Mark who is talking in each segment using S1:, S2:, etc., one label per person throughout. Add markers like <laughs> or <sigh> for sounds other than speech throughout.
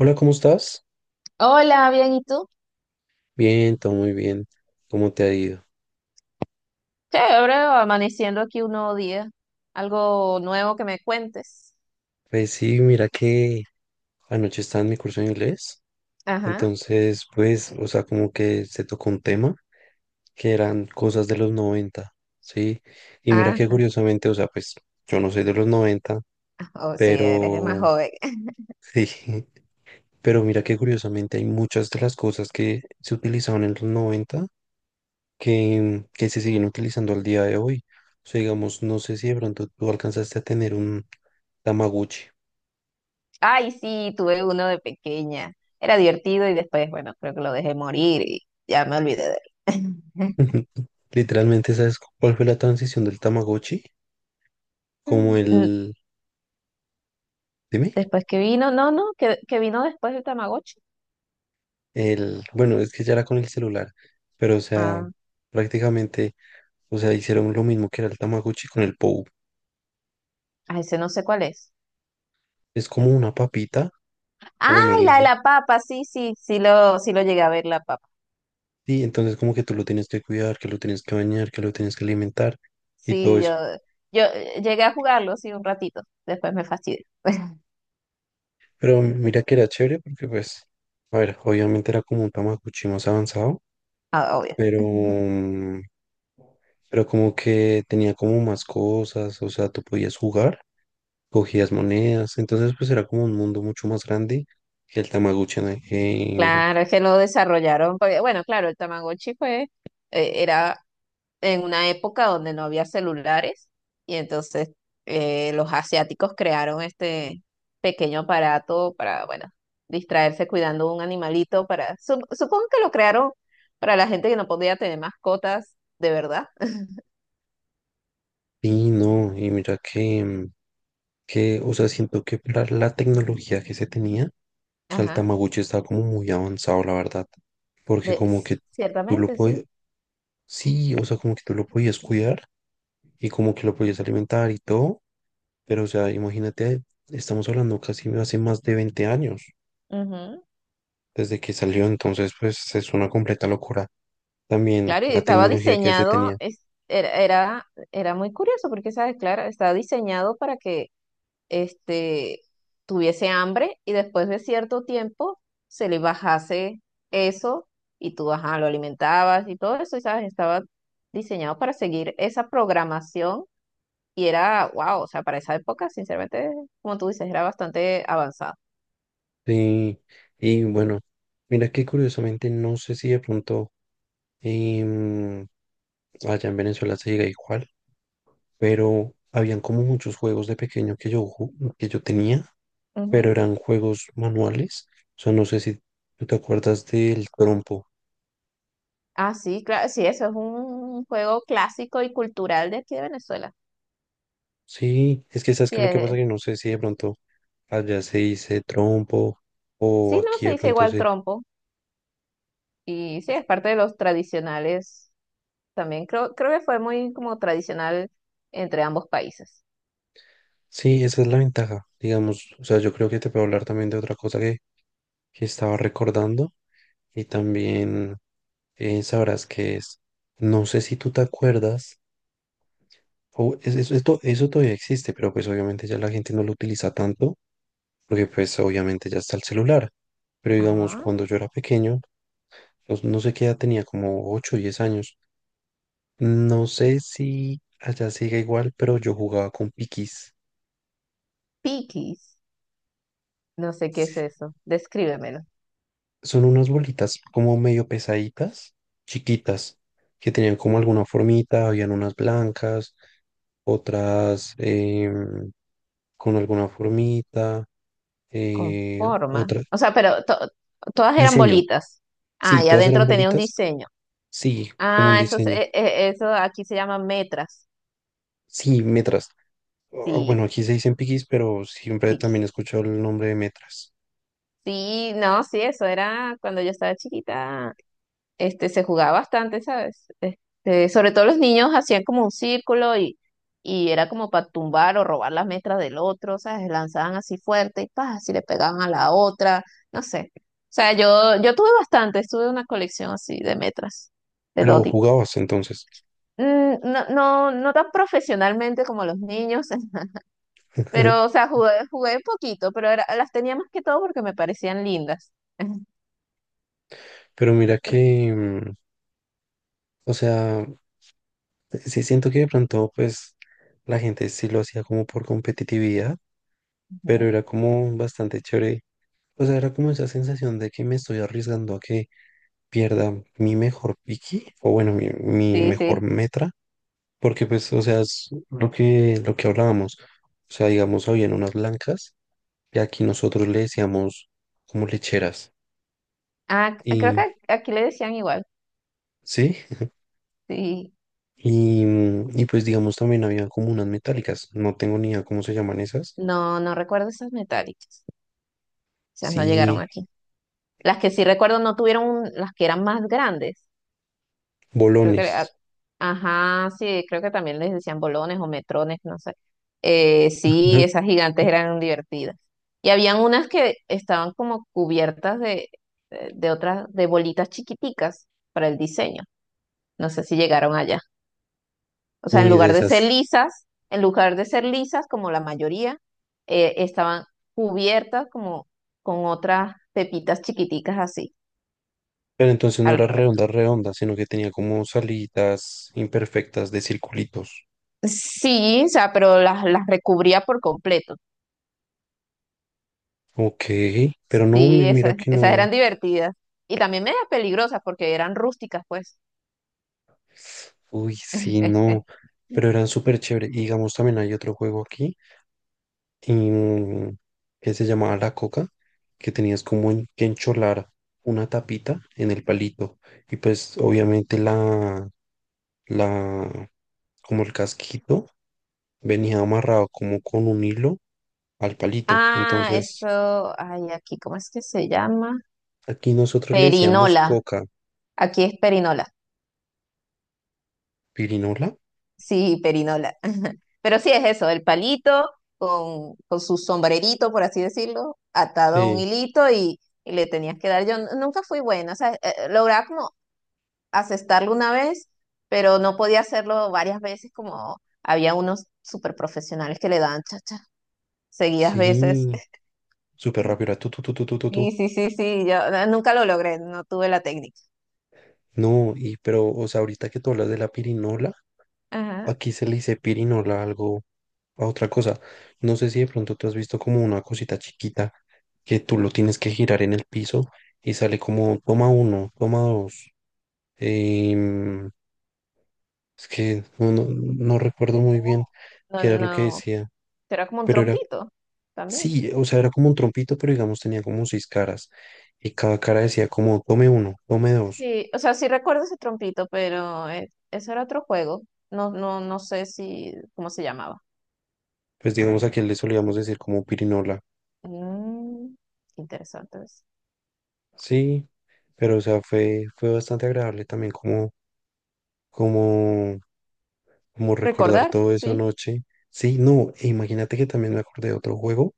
S1: Hola, ¿cómo estás?
S2: Hola, bien, ¿y tú?
S1: Bien, todo muy bien. ¿Cómo te ha ido?
S2: Chévere, amaneciendo aquí un nuevo día. Algo nuevo que me cuentes.
S1: Pues sí, mira que anoche estaba en mi curso de inglés,
S2: Ajá,
S1: entonces pues, o sea, como que se tocó un tema que eran cosas de los 90, ¿sí? Y mira que
S2: ajá,
S1: curiosamente, o sea, pues yo no soy de los 90,
S2: o si eres más
S1: pero
S2: joven. <laughs>
S1: sí, <laughs> pero mira que curiosamente hay muchas de las cosas que se utilizaban en los noventa, que se siguen utilizando al día de hoy. O sea, digamos, no sé si de pronto tú alcanzaste a tener un Tamagotchi.
S2: Ay, sí, tuve uno de pequeña. Era divertido y después, bueno, creo que lo dejé morir y ya me olvidé de él.
S1: <laughs> Literalmente, ¿sabes cuál fue la transición del Tamagotchi? Como
S2: <laughs> N-
S1: el, dime,
S2: Después que vino, no, no, que vino después el Tamagotchi.
S1: el, bueno, es que ya era con el celular, pero o sea,
S2: Ah,
S1: prácticamente, o sea, hicieron lo mismo que era el Tamagotchi con el Pou.
S2: ah, ese no sé cuál es.
S1: Es
S2: El
S1: como
S2: po-
S1: una papita, o
S2: Ay,
S1: bueno, le
S2: la de
S1: dicen,
S2: la papa, sí lo llegué a ver la papa.
S1: sí, entonces como que tú lo tienes que cuidar, que lo tienes que bañar, que lo tienes que alimentar y todo
S2: Sí, yo,
S1: eso.
S2: yo llegué a jugarlo, sí, un ratito. Después me fastidió. <laughs>
S1: Pero mira que era chévere porque pues, a ver, obviamente era como un Tamaguchi más avanzado,
S2: Ah, obvio.
S1: pero,
S2: <laughs>
S1: pero como que tenía como más cosas, o sea, tú podías jugar, cogías monedas, entonces pues era como un mundo mucho más grande que el Tamaguchi, ¿no?
S2: Claro, es que lo desarrollaron. Porque, bueno, claro, el Tamagotchi fue, era en una época donde no había celulares y entonces los asiáticos crearon este pequeño aparato para, bueno, distraerse cuidando un animalito para, supongo que lo crearon para la gente que no podía tener mascotas de verdad.
S1: Y no, y mira que, que, o sea, siento que para la tecnología que se tenía, o
S2: <laughs>
S1: sea, el
S2: Ajá,
S1: Tamaguchi estaba como muy avanzado, la verdad, porque
S2: de,
S1: como que tú lo
S2: ciertamente,
S1: podías...
S2: sí.
S1: Sí, o sea, como que tú lo podías cuidar y como que lo podías alimentar y todo, pero o sea, imagínate, estamos hablando casi hace más de 20 años desde que salió, entonces pues es una completa locura también
S2: Claro, y
S1: la
S2: estaba
S1: tecnología que se
S2: diseñado,
S1: tenía.
S2: era, era, era muy curioso porque, ¿sabes? Claro, estaba diseñado para que este, tuviese hambre y después de cierto tiempo se le bajase eso y tú, ajá, lo alimentabas y todo eso, y, ¿sabes? Estaba diseñado para seguir esa programación y era, wow, o sea, para esa época, sinceramente, como tú dices, era bastante avanzado.
S1: Sí, y bueno, mira que curiosamente no sé si de pronto em, allá en Venezuela se llega igual, pero habían como muchos juegos de pequeño que yo, que yo tenía, pero
S2: Ujú.
S1: eran juegos manuales. O sea, no sé si tú te acuerdas del trompo.
S2: Ah, sí, claro, sí, eso es un juego clásico y cultural de aquí de Venezuela.
S1: Sí, es que sabes
S2: Sí,
S1: que lo que pasa
S2: es,
S1: que no sé si de pronto allá se dice trompo o
S2: sí, no,
S1: aquí
S2: se
S1: de
S2: dice
S1: pronto
S2: igual
S1: se...
S2: trompo y sí, es parte de los tradicionales también. Creo que fue muy como tradicional entre ambos países.
S1: Sí, esa es la ventaja, digamos. O sea, yo creo que te puedo hablar también de otra cosa que estaba recordando y también sabrás que es. No sé si tú te acuerdas, o esto, eso todavía existe, pero pues obviamente ya la gente no lo utiliza tanto porque pues obviamente ya está el celular. Pero digamos,
S2: Ah,
S1: cuando yo era pequeño, pues, no sé qué edad tenía, como 8 o 10 años. No sé si allá sigue igual, pero yo jugaba con piquis.
S2: piquis, no sé qué es eso, descríbemelo,
S1: Son unas bolitas como medio pesaditas, chiquitas, que tenían como alguna formita, habían unas blancas, otras con alguna formita,
S2: con forma.
S1: otras...
S2: O sea, pero todas eran
S1: Diseño.
S2: bolitas. Ah,
S1: Sí,
S2: y
S1: todas eran
S2: adentro tenía un
S1: bolitas.
S2: diseño.
S1: Sí, como un
S2: Ah, eso,
S1: diseño.
S2: eso aquí se llama metras.
S1: Sí, metras. Bueno,
S2: Sí,
S1: aquí se dicen piquis, pero siempre también
S2: piquis.
S1: he escuchado el nombre de metras.
S2: Sí, no, sí, eso era cuando yo estaba chiquita. Este, se jugaba bastante, ¿sabes? Este, sobre todo los niños hacían como un círculo y era como para tumbar o robar las metras del otro, ¿sabes? Lanzaban así fuerte y pa, así le pegaban a la otra, no sé. O sea, yo tuve bastante, tuve una colección así de metras, de todo
S1: Pero
S2: tipo.
S1: jugabas entonces.
S2: Mm, No, no, no tan profesionalmente como los niños, <laughs> pero, o
S1: <laughs>
S2: sea, jugué poquito, pero era- las tenía más que todo porque me parecían lindas. <laughs>
S1: Pero mira que, o sea, sí siento que de pronto, pues, la gente sí lo hacía como por competitividad, pero era como bastante chévere. O sea, era como esa sensación de que me estoy arriesgando a que pierda mi mejor piqui, o bueno, mi
S2: Sí,
S1: mejor
S2: sí.
S1: metra, porque pues, o sea, es lo que hablábamos. O sea, digamos, habían unas blancas que aquí nosotros le decíamos como lecheras.
S2: Ah, creo
S1: Y
S2: que aquí le decían igual.
S1: sí,
S2: Sí.
S1: y, y pues digamos también había como unas metálicas, no tengo ni idea cómo se llaman esas.
S2: No, no recuerdo esas metálicas. Esas no
S1: Sí,
S2: llegaron aquí. Las que sí recuerdo no tuvieron, un- las que eran más grandes. Creo que,
S1: bolones.
S2: ajá, sí, creo que también les decían bolones o metrones, no sé. Sí, esas
S1: <laughs>
S2: gigantes eran divertidas. Y habían unas que estaban como cubiertas de, de otras, de bolitas chiquiticas para el diseño. No sé si llegaron allá. O sea,
S1: Uy, de esas.
S2: en lugar de ser lisas, como la mayoría, estaban cubiertas como con otras pepitas chiquiticas así.
S1: Pero entonces no era
S2: alre-
S1: redonda, redonda, sino que tenía como salidas imperfectas de circulitos.
S2: Sí, o sea, pero las recubría por completo.
S1: Ok, pero no,
S2: Sí,
S1: mira
S2: esas,
S1: que
S2: esas
S1: no.
S2: eran divertidas. Y también medias peligrosas porque eran rústicas, pues.
S1: Uy, sí,
S2: <laughs>
S1: no. Pero eran súper chéveres. Y digamos, también hay otro juego aquí em, que se llamaba la coca, que tenías como que encholar una tapita en el palito. Y pues obviamente la, la, como el casquito venía amarrado como con un hilo al palito.
S2: Ah, eso,
S1: Entonces,
S2: ay, aquí, ¿cómo es que se llama?
S1: aquí nosotros le decíamos
S2: Perinola.
S1: coca,
S2: Aquí es perinola.
S1: pirinola.
S2: Sí, perinola. <laughs> Pero sí es eso, el palito con su sombrerito, por así decirlo, atado a un
S1: Sí,
S2: hilito y le tenías que dar. Yo nunca fui buena, o sea, lograba como asestarlo una vez, pero no podía hacerlo varias veces como había unos super profesionales que le daban chacha seguidas veces.
S1: sí, súper
S2: <laughs>
S1: rápido, era tu, tu, tu, tu, tu, tu, tu.
S2: Sí, sí, sí, sí, yo nunca lo logré, no tuve la técnica.
S1: No, y pero, o sea, ahorita que tú hablas de la pirinola.
S2: Ajá.
S1: Aquí se le dice pirinola algo a otra cosa. No sé si de pronto tú has visto como una cosita chiquita que tú lo tienes que girar en el piso y sale como toma uno, toma dos. Em, es que no, no, no recuerdo
S2: Es
S1: muy bien
S2: como, no,
S1: qué era lo que
S2: no,
S1: decía,
S2: pero era como un
S1: pero era,
S2: trompito también.
S1: sí, o sea, era como un trompito, pero digamos tenía como 6 caras y cada cara decía como tome uno, tome dos.
S2: Sí, o sea, sí recuerdo ese trompito, pero ese era otro juego. No, no, no sé si, cómo se llamaba.
S1: Pues digamos aquí le solíamos decir como pirinola.
S2: Mm, interesante. Es.
S1: Sí, pero o sea, fue, fue bastante agradable también como, como, como recordar
S2: Recordar,
S1: todo eso
S2: sí.
S1: anoche. Sí, no, e imagínate que también me acordé de otro juego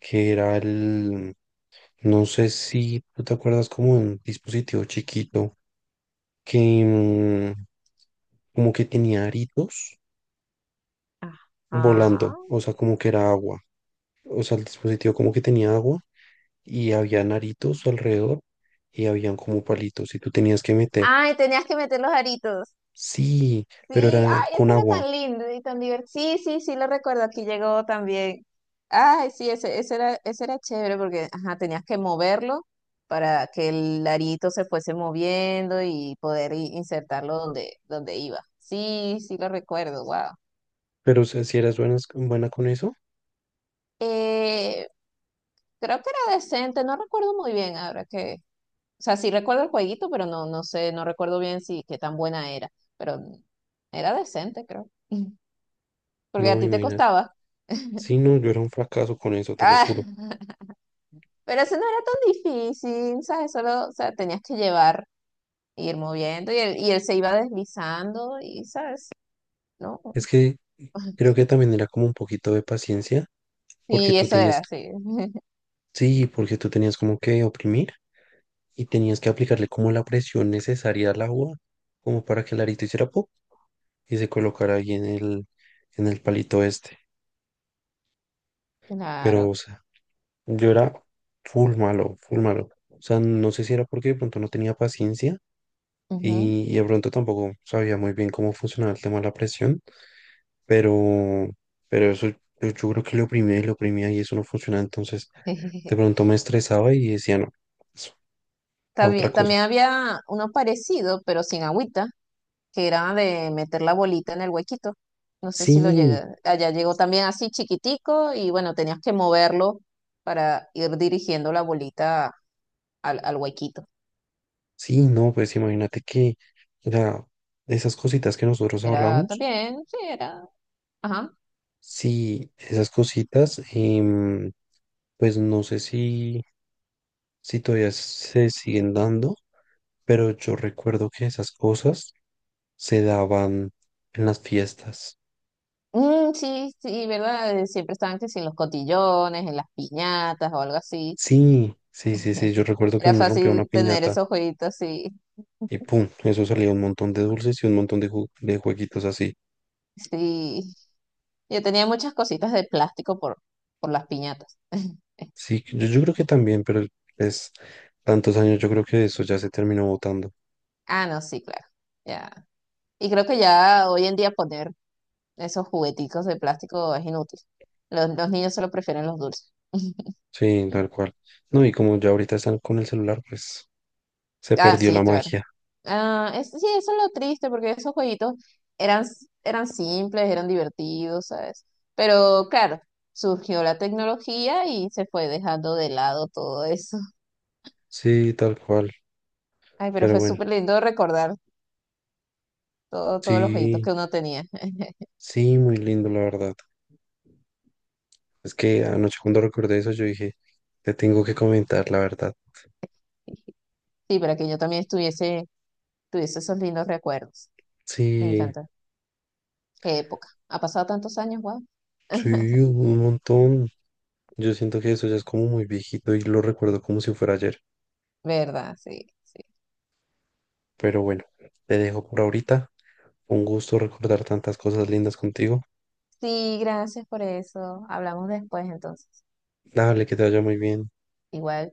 S1: que era el, no sé si tú te acuerdas como un dispositivo chiquito que mm, como que tenía aritos
S2: Ajá.
S1: volando, o sea, como que era agua. O sea, el dispositivo como que tenía agua y había aritos alrededor y habían como palitos y tú tenías que meter...
S2: Ay, tenías que meter los aritos.
S1: Sí, pero
S2: Sí,
S1: era
S2: ay, ese
S1: con
S2: era
S1: agua.
S2: tan lindo y tan divertido. Sí, sí, sí, lo recuerdo, aquí llegó también. Ay, sí, ese era chévere porque, ajá, tenías que moverlo para que el arito se fuese moviendo y poder insertarlo donde, donde iba. Sí, sí, lo recuerdo, wow.
S1: Pero si, si eras buena, buena con eso,
S2: Eh, Creo que era decente, no recuerdo muy bien ahora que, o sea, sí recuerdo el jueguito, pero no, no sé, no recuerdo bien si qué tan buena era, pero era decente, creo, <laughs> porque a
S1: no,
S2: ti te
S1: imagínate.
S2: costaba. <laughs>
S1: Sí, no, yo era un fracaso con eso, te lo
S2: Ah.
S1: juro.
S2: Pero eso no era tan difícil, ¿sabes? Solo, o sea, tenías que llevar, ir moviendo y él se iba deslizando y, ¿sabes? ¿No?
S1: Es que creo que también era como un poquito de paciencia, porque
S2: Y
S1: tú
S2: eso era
S1: tienes,
S2: así. <laughs>
S1: sí, porque tú tenías como que oprimir y tenías que aplicarle como la presión necesaria al agua, como para que el arito hiciera pop y se colocara ahí en el palito este. Pero,
S2: Claro.
S1: o sea, yo era full malo, full malo. O sea, no sé si era porque de pronto no tenía paciencia
S2: Ujú.
S1: y de pronto tampoco sabía muy bien cómo funcionaba el tema de la presión, pero, pero eso yo, yo creo que lo oprimía y eso no funcionaba, entonces de
S2: <laughs>
S1: pronto me estresaba y decía, no, es a otra
S2: También,
S1: cosa.
S2: también había uno parecido, pero sin agüita, que era de meter la bolita en el huequito. No sé si lo
S1: Sí,
S2: llega allá llegó también así chiquitico y bueno, tenías que moverlo para ir dirigiendo la bolita al huequito.
S1: sí, no, pues imagínate que, o sea, esas cositas que nosotros
S2: Era
S1: hablamos,
S2: también, sí, era. Ajá.
S1: sí, esas cositas, pues no sé si, si todavía se siguen dando, pero yo recuerdo que esas cosas se daban en las fiestas.
S2: Mm, sí, sí, ¿verdad? Siempre estaban que si en los cotillones, en las piñatas o algo así.
S1: Sí, sí, sí, sí. Yo
S2: <laughs>
S1: recuerdo que
S2: Era
S1: uno rompía una
S2: fácil tener
S1: piñata
S2: esos jueguitos así.
S1: y pum, eso salía un montón de dulces y un montón de, de jueguitos así.
S2: Sí. Yo tenía muchas cositas de plástico por las piñatas. <laughs>
S1: Sí, yo creo que también, pero es tantos años, yo creo que eso ya se terminó votando.
S2: Ah, no, sí, claro. Ya. Y creo que ya hoy en día poner esos jugueticos de plástico es inútil. Los niños solo prefieren los dulces. <laughs>
S1: Sí, tal cual. No, y como ya ahorita están con el celular, pues se
S2: Ah,
S1: perdió
S2: sí,
S1: la
S2: claro.
S1: magia.
S2: Ah, es, sí, eso es lo triste, porque esos jueguitos eran, eran simples, eran divertidos, ¿sabes? Pero claro, surgió la tecnología y se fue dejando de lado todo eso. <laughs>
S1: Sí, tal cual.
S2: Ay, pero
S1: Pero
S2: fue
S1: bueno,
S2: súper lindo recordar todo, todos los jueguitos
S1: sí,
S2: que uno tenía.
S1: sí, muy lindo, la verdad. Es que anoche cuando recordé eso, yo dije, te tengo que comentar, la verdad.
S2: <laughs> Sí, para que yo también estuviese, tuviese esos lindos recuerdos. Me
S1: Sí,
S2: encanta. Qué época. Ha pasado tantos años, wow.
S1: sí, un montón. Yo siento que eso ya es como muy viejito y lo recuerdo como si fuera ayer.
S2: ¿Verdad? Sí, sí.
S1: Pero bueno, te dejo por ahorita. Un gusto recordar tantas cosas lindas contigo.
S2: Sí, gracias por eso. Hablamos después entonces.
S1: Dale, que te vaya muy bien.
S2: Igual.